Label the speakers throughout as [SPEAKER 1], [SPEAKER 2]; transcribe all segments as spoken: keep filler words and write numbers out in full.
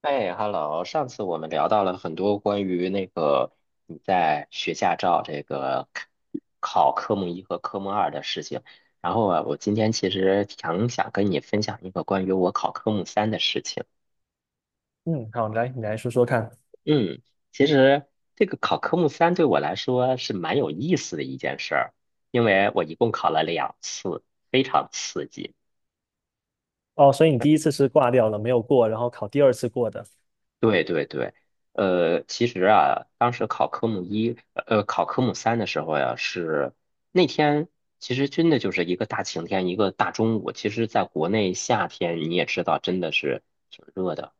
[SPEAKER 1] 哎，Hello，上次我们聊到了很多关于那个你在学驾照这个考科目一和科目二的事情，然后啊，我今天其实挺想跟你分享一个关于我考科目三的事情。
[SPEAKER 2] 嗯，好，来，你来说说看。
[SPEAKER 1] 嗯，其实这个考科目三对我来说是蛮有意思的一件事儿，因为我一共考了两次，非常刺激。
[SPEAKER 2] 哦，所以你第一次是挂掉了，没有过，然后考第二次过的，
[SPEAKER 1] 对对对，呃，其实啊，当时考科目一，呃，考科目三的时候呀，是那天其实真的就是一个大晴天，一个大中午。其实，在国内夏天你也知道，真的是挺热的。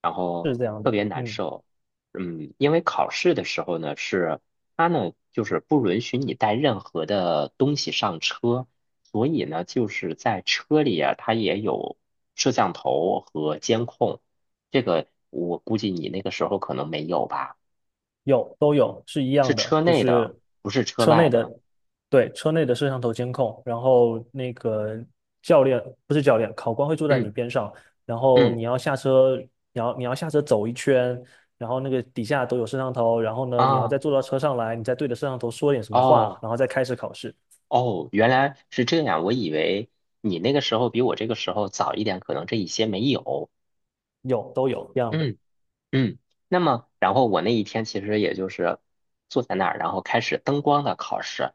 [SPEAKER 1] 然后
[SPEAKER 2] 是这样
[SPEAKER 1] 特
[SPEAKER 2] 的。
[SPEAKER 1] 别难
[SPEAKER 2] 嗯，
[SPEAKER 1] 受。嗯，因为考试的时候呢，是他呢就是不允许你带任何的东西上车，所以呢就是在车里啊，它也有摄像头和监控。这个我估计你那个时候可能没有吧？
[SPEAKER 2] 有，都有，是一
[SPEAKER 1] 是
[SPEAKER 2] 样的，
[SPEAKER 1] 车
[SPEAKER 2] 就
[SPEAKER 1] 内的，
[SPEAKER 2] 是
[SPEAKER 1] 不是车
[SPEAKER 2] 车
[SPEAKER 1] 外
[SPEAKER 2] 内的，
[SPEAKER 1] 的。
[SPEAKER 2] 对，车内的摄像头监控，然后那个教练，不是教练，考官会坐在你
[SPEAKER 1] 嗯
[SPEAKER 2] 边上，然后
[SPEAKER 1] 嗯，
[SPEAKER 2] 你要下车，你要你要下车走一圈，然后那个底下都有摄像头，然后呢，你要再
[SPEAKER 1] 啊，
[SPEAKER 2] 坐到车上来，你再对着摄像头说点什么话，
[SPEAKER 1] 哦
[SPEAKER 2] 然后再开始考试，
[SPEAKER 1] 哦，原来是这样。我以为你那个时候比我这个时候早一点，可能这一些没有。
[SPEAKER 2] 有，都有，一样的。
[SPEAKER 1] 嗯。嗯，那么然后我那一天其实也就是坐在那儿，然后开始灯光的考试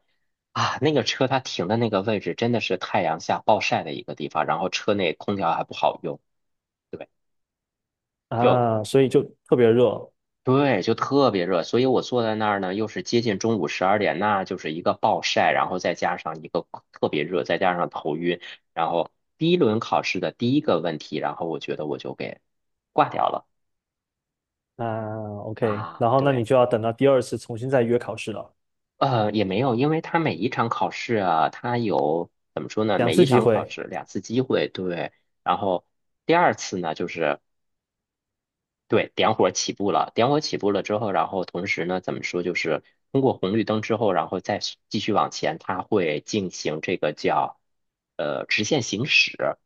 [SPEAKER 1] 啊。那个车它停的那个位置真的是太阳下暴晒的一个地方，然后车内空调还不好用，对，就
[SPEAKER 2] 啊，所以就特别热，
[SPEAKER 1] 对，就特别热。所以我坐在那儿呢，又是接近中午十二点，那就是一个暴晒，然后再加上一个特别热，再加上头晕，然后第一轮考试的第一个问题，然后我觉得我就给挂掉了
[SPEAKER 2] 啊，OK，
[SPEAKER 1] 啊，
[SPEAKER 2] 然后那你
[SPEAKER 1] 对。
[SPEAKER 2] 就要等到第二次重新再约考试了，
[SPEAKER 1] 呃，也没有，因为他每一场考试啊，他有怎么说呢？
[SPEAKER 2] 两
[SPEAKER 1] 每一
[SPEAKER 2] 次机
[SPEAKER 1] 场考
[SPEAKER 2] 会，
[SPEAKER 1] 试两次机会，对。然后第二次呢，就是对点火起步了，点火起步了之后，然后同时呢，怎么说，就是通过红绿灯之后，然后再继续往前，它会进行这个叫呃直线行驶。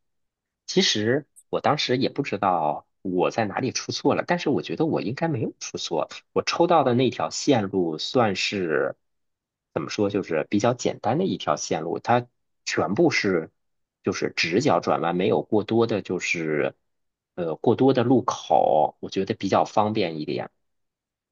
[SPEAKER 1] 其实我当时也不知道我在哪里出错了，但是我觉得我应该没有出错。我抽到的那条线路算是怎么说，就是比较简单的一条线路，它全部是就是直角转弯，没有过多的就是呃过多的路口，我觉得比较方便一点。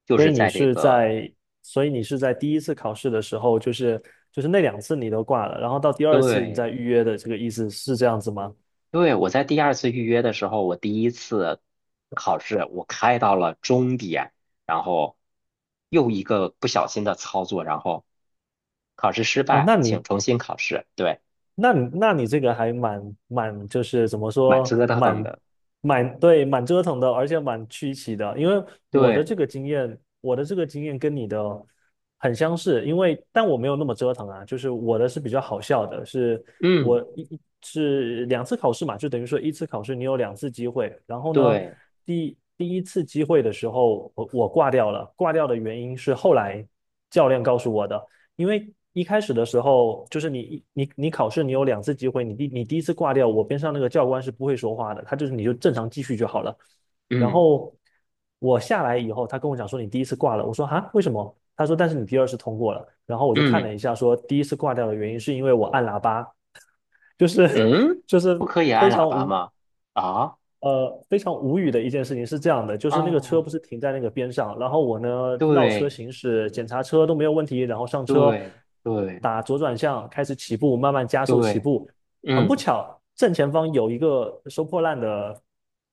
[SPEAKER 1] 就
[SPEAKER 2] 所
[SPEAKER 1] 是
[SPEAKER 2] 以你
[SPEAKER 1] 在这
[SPEAKER 2] 是
[SPEAKER 1] 个
[SPEAKER 2] 在，所以你是在第一次考试的时候，就是就是那两次你都挂了，然后到第二次你再
[SPEAKER 1] 对
[SPEAKER 2] 预约的这个意思是这样子吗？
[SPEAKER 1] 对，我在第二次预约的时候，我第一次考试我开到了终点，然后又一个不小心的操作，然后考试失
[SPEAKER 2] 啊，
[SPEAKER 1] 败，
[SPEAKER 2] 那
[SPEAKER 1] 请
[SPEAKER 2] 你
[SPEAKER 1] 重新考试。对，
[SPEAKER 2] 那你那你这个还蛮蛮就是怎么
[SPEAKER 1] 蛮
[SPEAKER 2] 说，
[SPEAKER 1] 折腾
[SPEAKER 2] 蛮
[SPEAKER 1] 的。
[SPEAKER 2] 蛮对，蛮折腾的，而且蛮曲奇的。因为我的
[SPEAKER 1] 对，
[SPEAKER 2] 这个经验，我的这个经验跟你的很相似，因为但我没有那么折腾啊，就是我的是比较好笑的，是
[SPEAKER 1] 嗯，
[SPEAKER 2] 我一一是两次考试嘛，就等于说一次考试你有两次机会，然后呢，
[SPEAKER 1] 对，
[SPEAKER 2] 第第一次机会的时候我我挂掉了，挂掉的原因是后来教练告诉我的。因为一开始的时候，就是你你你考试，你有两次机会，你第你第一次挂掉，我边上那个教官是不会说话的，他就是你就正常继续就好了。然
[SPEAKER 1] 嗯
[SPEAKER 2] 后我下来以后，他跟我讲说你第一次挂了，我说啊为什么？他说但是你第二次通过了。然后我就看
[SPEAKER 1] 嗯
[SPEAKER 2] 了一下，说第一次挂掉的原因是因为我按喇叭，就是
[SPEAKER 1] 嗯，
[SPEAKER 2] 就
[SPEAKER 1] 不
[SPEAKER 2] 是
[SPEAKER 1] 可以
[SPEAKER 2] 非
[SPEAKER 1] 按喇
[SPEAKER 2] 常
[SPEAKER 1] 叭
[SPEAKER 2] 无
[SPEAKER 1] 吗？啊
[SPEAKER 2] 呃，非常无语的一件事情是这样的，就是那个车
[SPEAKER 1] 啊，
[SPEAKER 2] 不是停在那个边上，然后我呢绕车
[SPEAKER 1] 对
[SPEAKER 2] 行驶，检查车都没有问题，然后上车，
[SPEAKER 1] 对对
[SPEAKER 2] 打左转向，开始起步，慢慢加速起
[SPEAKER 1] 对，
[SPEAKER 2] 步。很不
[SPEAKER 1] 嗯
[SPEAKER 2] 巧，正前方有一个收破烂的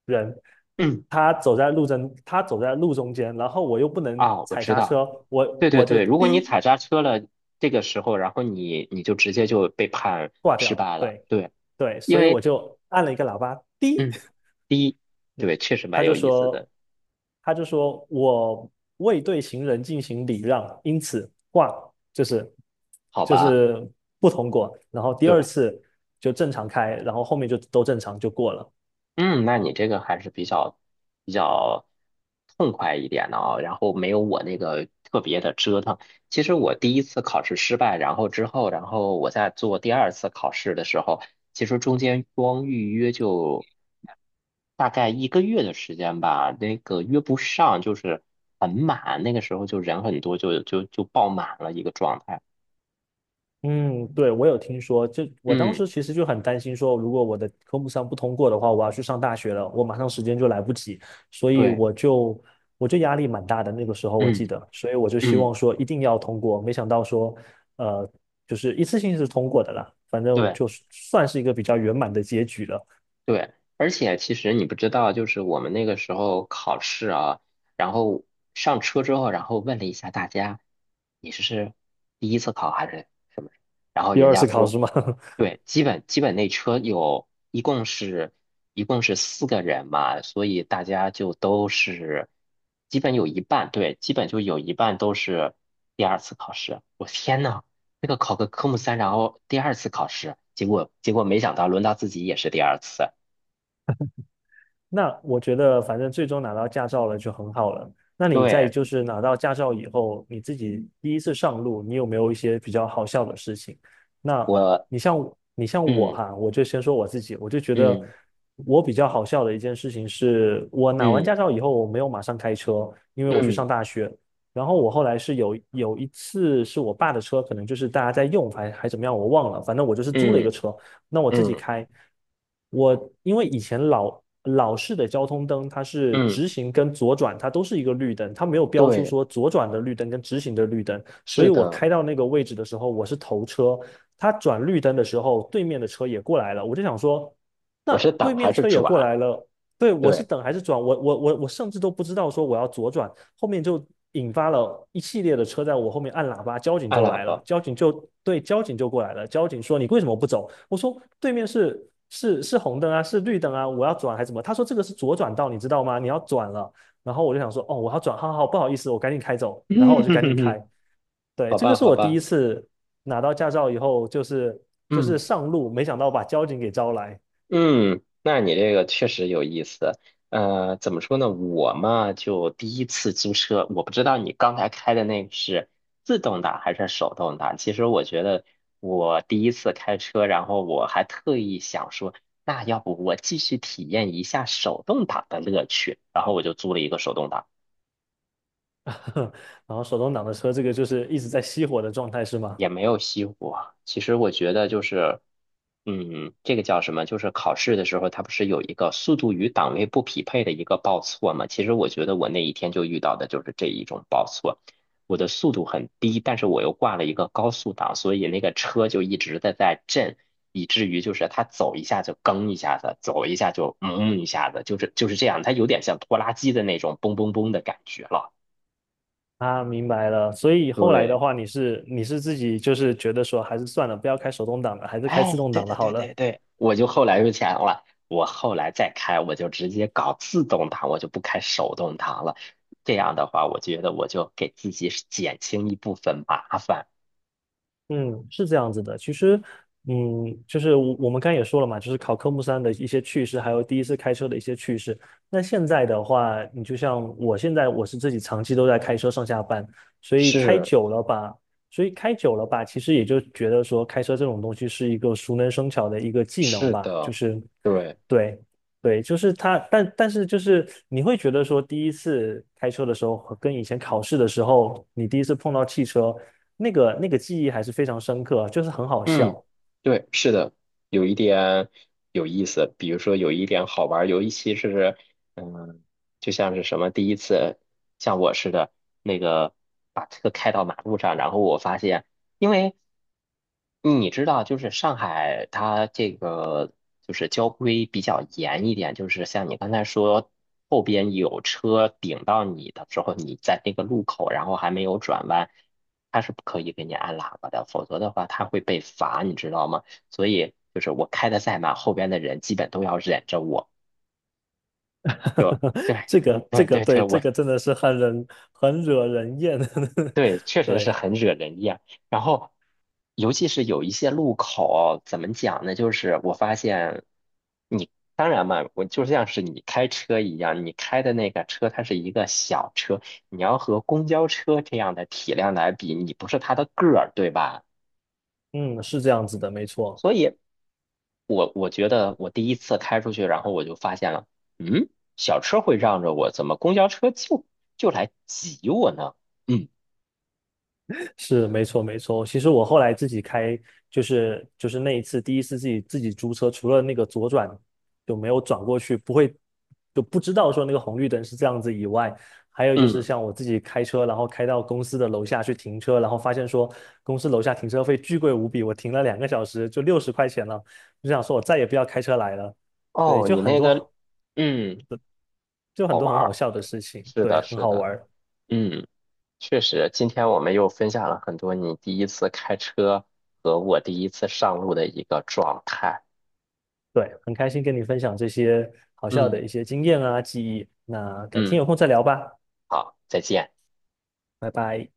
[SPEAKER 2] 人，
[SPEAKER 1] 嗯，
[SPEAKER 2] 他走在路中，他走在路中间，然后我又不能
[SPEAKER 1] 啊，我
[SPEAKER 2] 踩
[SPEAKER 1] 知
[SPEAKER 2] 刹
[SPEAKER 1] 道。
[SPEAKER 2] 车，我
[SPEAKER 1] 对对
[SPEAKER 2] 我就
[SPEAKER 1] 对，如果你
[SPEAKER 2] 滴
[SPEAKER 1] 踩刹车了，这个时候，然后你你就直接就被判
[SPEAKER 2] 挂掉
[SPEAKER 1] 失
[SPEAKER 2] 了，
[SPEAKER 1] 败了。
[SPEAKER 2] 对
[SPEAKER 1] 对，
[SPEAKER 2] 对，
[SPEAKER 1] 因
[SPEAKER 2] 所以我
[SPEAKER 1] 为
[SPEAKER 2] 就按了一个喇叭，滴，
[SPEAKER 1] 嗯，第一，对，确实
[SPEAKER 2] 他
[SPEAKER 1] 蛮
[SPEAKER 2] 就
[SPEAKER 1] 有意思的，
[SPEAKER 2] 说，他就说我未对行人进行礼让，因此挂就是
[SPEAKER 1] 好
[SPEAKER 2] 就
[SPEAKER 1] 吧？
[SPEAKER 2] 是不通过。然后第二
[SPEAKER 1] 对。
[SPEAKER 2] 次就正常开，然后后面就都正常就过了。
[SPEAKER 1] 嗯，那你这个还是比较比较痛快一点的啊，然后没有我那个特别的折腾。其实我第一次考试失败，然后之后，然后我在做第二次考试的时候，其实中间光预约就大概一个月的时间吧，那个约不上，就是很满，那个时候就人很多，就就就爆满了一个状态。
[SPEAKER 2] 嗯，对，我有听说，就我当
[SPEAKER 1] 嗯，
[SPEAKER 2] 时其实就很担心说，如果我的科目三不通过的话，我要去上大学了，我马上时间就来不及，所以
[SPEAKER 1] 对，
[SPEAKER 2] 我就我就压力蛮大的。那个时候我
[SPEAKER 1] 嗯
[SPEAKER 2] 记得，所以我就希望
[SPEAKER 1] 嗯，
[SPEAKER 2] 说一定要通过，没想到说，呃，就是一次性是通过的啦，反正
[SPEAKER 1] 对。
[SPEAKER 2] 就是算是一个比较圆满的结局了。
[SPEAKER 1] 对，而且其实你不知道，就是我们那个时候考试啊，然后上车之后，然后问了一下大家，你是是第一次考还是？然后
[SPEAKER 2] 第
[SPEAKER 1] 人
[SPEAKER 2] 二
[SPEAKER 1] 家
[SPEAKER 2] 次考
[SPEAKER 1] 说，
[SPEAKER 2] 试嘛，
[SPEAKER 1] 对，基本基本那车有一共是一共是四个人嘛，所以大家就都是基本有一半，对，基本就有一半都是第二次考试。我天呐，那个考个科目三，然后第二次考试，结果结果没想到轮到自己也是第二次。
[SPEAKER 2] 那我觉得，反正最终拿到驾照了就很好了。那你在
[SPEAKER 1] 对，
[SPEAKER 2] 就是拿到驾照以后，你自己第一次上路，你有没有一些比较好笑的事情？那
[SPEAKER 1] 我，
[SPEAKER 2] 你像你像我
[SPEAKER 1] 嗯
[SPEAKER 2] 哈，我就先说我自己，我就觉得
[SPEAKER 1] 嗯
[SPEAKER 2] 我比较好笑的一件事情是，我拿完
[SPEAKER 1] 嗯
[SPEAKER 2] 驾照以后，我没有马上开车，因为我去
[SPEAKER 1] 嗯
[SPEAKER 2] 上大学。然后我后来是有有一次是我爸的车，可能就是大家在用，还还怎么样，我忘了，反正我就是租了一个
[SPEAKER 1] 嗯
[SPEAKER 2] 车。那我自己
[SPEAKER 1] 嗯
[SPEAKER 2] 开，我因为以前老老式的交通灯，它是
[SPEAKER 1] 嗯，
[SPEAKER 2] 直行跟左转，它都是一个绿灯，它没有标出
[SPEAKER 1] 对，
[SPEAKER 2] 说左转的绿灯跟直行的绿灯，所
[SPEAKER 1] 是
[SPEAKER 2] 以我
[SPEAKER 1] 的，
[SPEAKER 2] 开到那个位置的时候，我是头车，它转绿灯的时候，对面的车也过来了，我就想说，那
[SPEAKER 1] 我是
[SPEAKER 2] 对
[SPEAKER 1] 挡
[SPEAKER 2] 面
[SPEAKER 1] 还是
[SPEAKER 2] 车也过
[SPEAKER 1] 转？
[SPEAKER 2] 来了，对，我是
[SPEAKER 1] 对，
[SPEAKER 2] 等还是转？我我我我甚至都不知道说我要左转，后面就引发了一系列的车在我后面按喇叭，交警
[SPEAKER 1] 按
[SPEAKER 2] 就
[SPEAKER 1] 喇
[SPEAKER 2] 来了，
[SPEAKER 1] 叭。
[SPEAKER 2] 交警就对，交警就过来了，交警说你为什么不走？我说对面是是是红灯啊，是绿灯啊，我要转还是怎么？他说这个是左转道，你知道吗？你要转了。然后我就想说，哦，我要转，好好，不好意思，我赶紧开走。然后我就赶紧开。
[SPEAKER 1] 嗯，
[SPEAKER 2] 对，
[SPEAKER 1] 好
[SPEAKER 2] 这个
[SPEAKER 1] 吧，
[SPEAKER 2] 是
[SPEAKER 1] 好
[SPEAKER 2] 我第一
[SPEAKER 1] 吧，
[SPEAKER 2] 次拿到驾照以后，就是就是
[SPEAKER 1] 嗯。
[SPEAKER 2] 上路，没想到把交警给招来，
[SPEAKER 1] 嗯，那你这个确实有意思。呃，怎么说呢？我嘛，就第一次租车，我不知道你刚才开的那个是自动挡还是手动挡。其实我觉得我第一次开车，然后我还特意想说，那要不我继续体验一下手动挡的乐趣，然后我就租了一个手动挡。
[SPEAKER 2] 然后手动挡的车，这个就是一直在熄火的状态，是吗？
[SPEAKER 1] 也没有熄火。其实我觉得就是，嗯，这个叫什么？就是考试的时候，它不是有一个速度与档位不匹配的一个报错吗？其实我觉得我那一天就遇到的就是这一种报错。我的速度很低，但是我又挂了一个高速档，所以那个车就一直的在震，以至于就是它走一下就蹬一下子，走一下就嗯一下子，就是就是这样，它有点像拖拉机的那种嘣嘣嘣的感觉了。
[SPEAKER 2] 啊，明白了。所以后来的
[SPEAKER 1] 对。
[SPEAKER 2] 话，你是你是自己就是觉得说，还是算了，不要开手动挡了，还是开自
[SPEAKER 1] 哎，
[SPEAKER 2] 动
[SPEAKER 1] 对
[SPEAKER 2] 挡的
[SPEAKER 1] 对
[SPEAKER 2] 好
[SPEAKER 1] 对
[SPEAKER 2] 了。
[SPEAKER 1] 对对，我就后来就想了，我后来再开，我就直接搞自动挡，我就不开手动挡了。这样的话，我觉得我就给自己是减轻一部分麻烦。
[SPEAKER 2] 嗯，是这样子的。其实，嗯，就是我我们刚才也说了嘛，就是考科目三的一些趣事，还有第一次开车的一些趣事。那现在的话，你就像我现在，我是自己长期都在开车上下班，所以开
[SPEAKER 1] 是
[SPEAKER 2] 久了吧，所以开久了吧，其实也就觉得说，开车这种东西是一个熟能生巧的一个技能
[SPEAKER 1] 是
[SPEAKER 2] 吧，就
[SPEAKER 1] 的，
[SPEAKER 2] 是
[SPEAKER 1] 对，
[SPEAKER 2] 对。对，就是他，但但是就是你会觉得说，第一次开车的时候和跟以前考试的时候，你第一次碰到汽车，那个那个记忆还是非常深刻，就是很好
[SPEAKER 1] 嗯，
[SPEAKER 2] 笑。
[SPEAKER 1] 对，是的，有一点有意思，比如说有一点好玩儿，一期是嗯，就像是什么第一次像我似的，那个把车开到马路上，然后我发现。因为你知道，就是上海它这个就是交规比较严一点，就是像你刚才说，后边有车顶到你的时候，你在那个路口，然后还没有转弯，它是不可以给你按喇叭的，否则的话它会被罚，你知道吗？所以就是我开的再慢，后边的人基本都要忍着我。对
[SPEAKER 2] 这个这
[SPEAKER 1] 对
[SPEAKER 2] 个
[SPEAKER 1] 对对，
[SPEAKER 2] 对，这
[SPEAKER 1] 我
[SPEAKER 2] 个真的是很人很惹人厌。
[SPEAKER 1] 对，确实是
[SPEAKER 2] 对，
[SPEAKER 1] 很惹人厌。然后，尤其是有一些路口，怎么讲呢？就是我发现你，当然嘛，我就像是你开车一样，你开的那个车它是一个小车，你要和公交车这样的体量来比，你不是它的个儿，对吧？
[SPEAKER 2] 嗯，是这样子的，没错。
[SPEAKER 1] 所以我，我觉得我第一次开出去，然后我就发现了，嗯，小车会让着我，怎么公交车就就来挤我呢？嗯
[SPEAKER 2] 是，没错没错。其实我后来自己开，就是就是那一次第一次自己自己租车，除了那个左转就没有转过去，不会就不知道说那个红绿灯是这样子以外，还有就是
[SPEAKER 1] 嗯，
[SPEAKER 2] 像我自己开车，然后开到公司的楼下去停车，然后发现说公司楼下停车费巨贵无比，我停了两个小时就六十块钱了，就想说我再也不要开车来了。对，
[SPEAKER 1] 哦，
[SPEAKER 2] 就
[SPEAKER 1] 你
[SPEAKER 2] 很
[SPEAKER 1] 那个。
[SPEAKER 2] 多
[SPEAKER 1] 嗯。
[SPEAKER 2] 就很
[SPEAKER 1] 好
[SPEAKER 2] 多
[SPEAKER 1] 玩
[SPEAKER 2] 很好
[SPEAKER 1] 儿。
[SPEAKER 2] 笑的事情，
[SPEAKER 1] 是
[SPEAKER 2] 对，
[SPEAKER 1] 的，
[SPEAKER 2] 很
[SPEAKER 1] 是
[SPEAKER 2] 好
[SPEAKER 1] 的，
[SPEAKER 2] 玩儿。
[SPEAKER 1] 嗯，确实，今天我们又分享了很多你第一次开车和我第一次上路的一个状态。
[SPEAKER 2] 对，很开心跟你分享这些好笑
[SPEAKER 1] 嗯
[SPEAKER 2] 的一些经验啊、记忆。那改天
[SPEAKER 1] 嗯，
[SPEAKER 2] 有空再聊吧，
[SPEAKER 1] 好，再见。
[SPEAKER 2] 拜拜。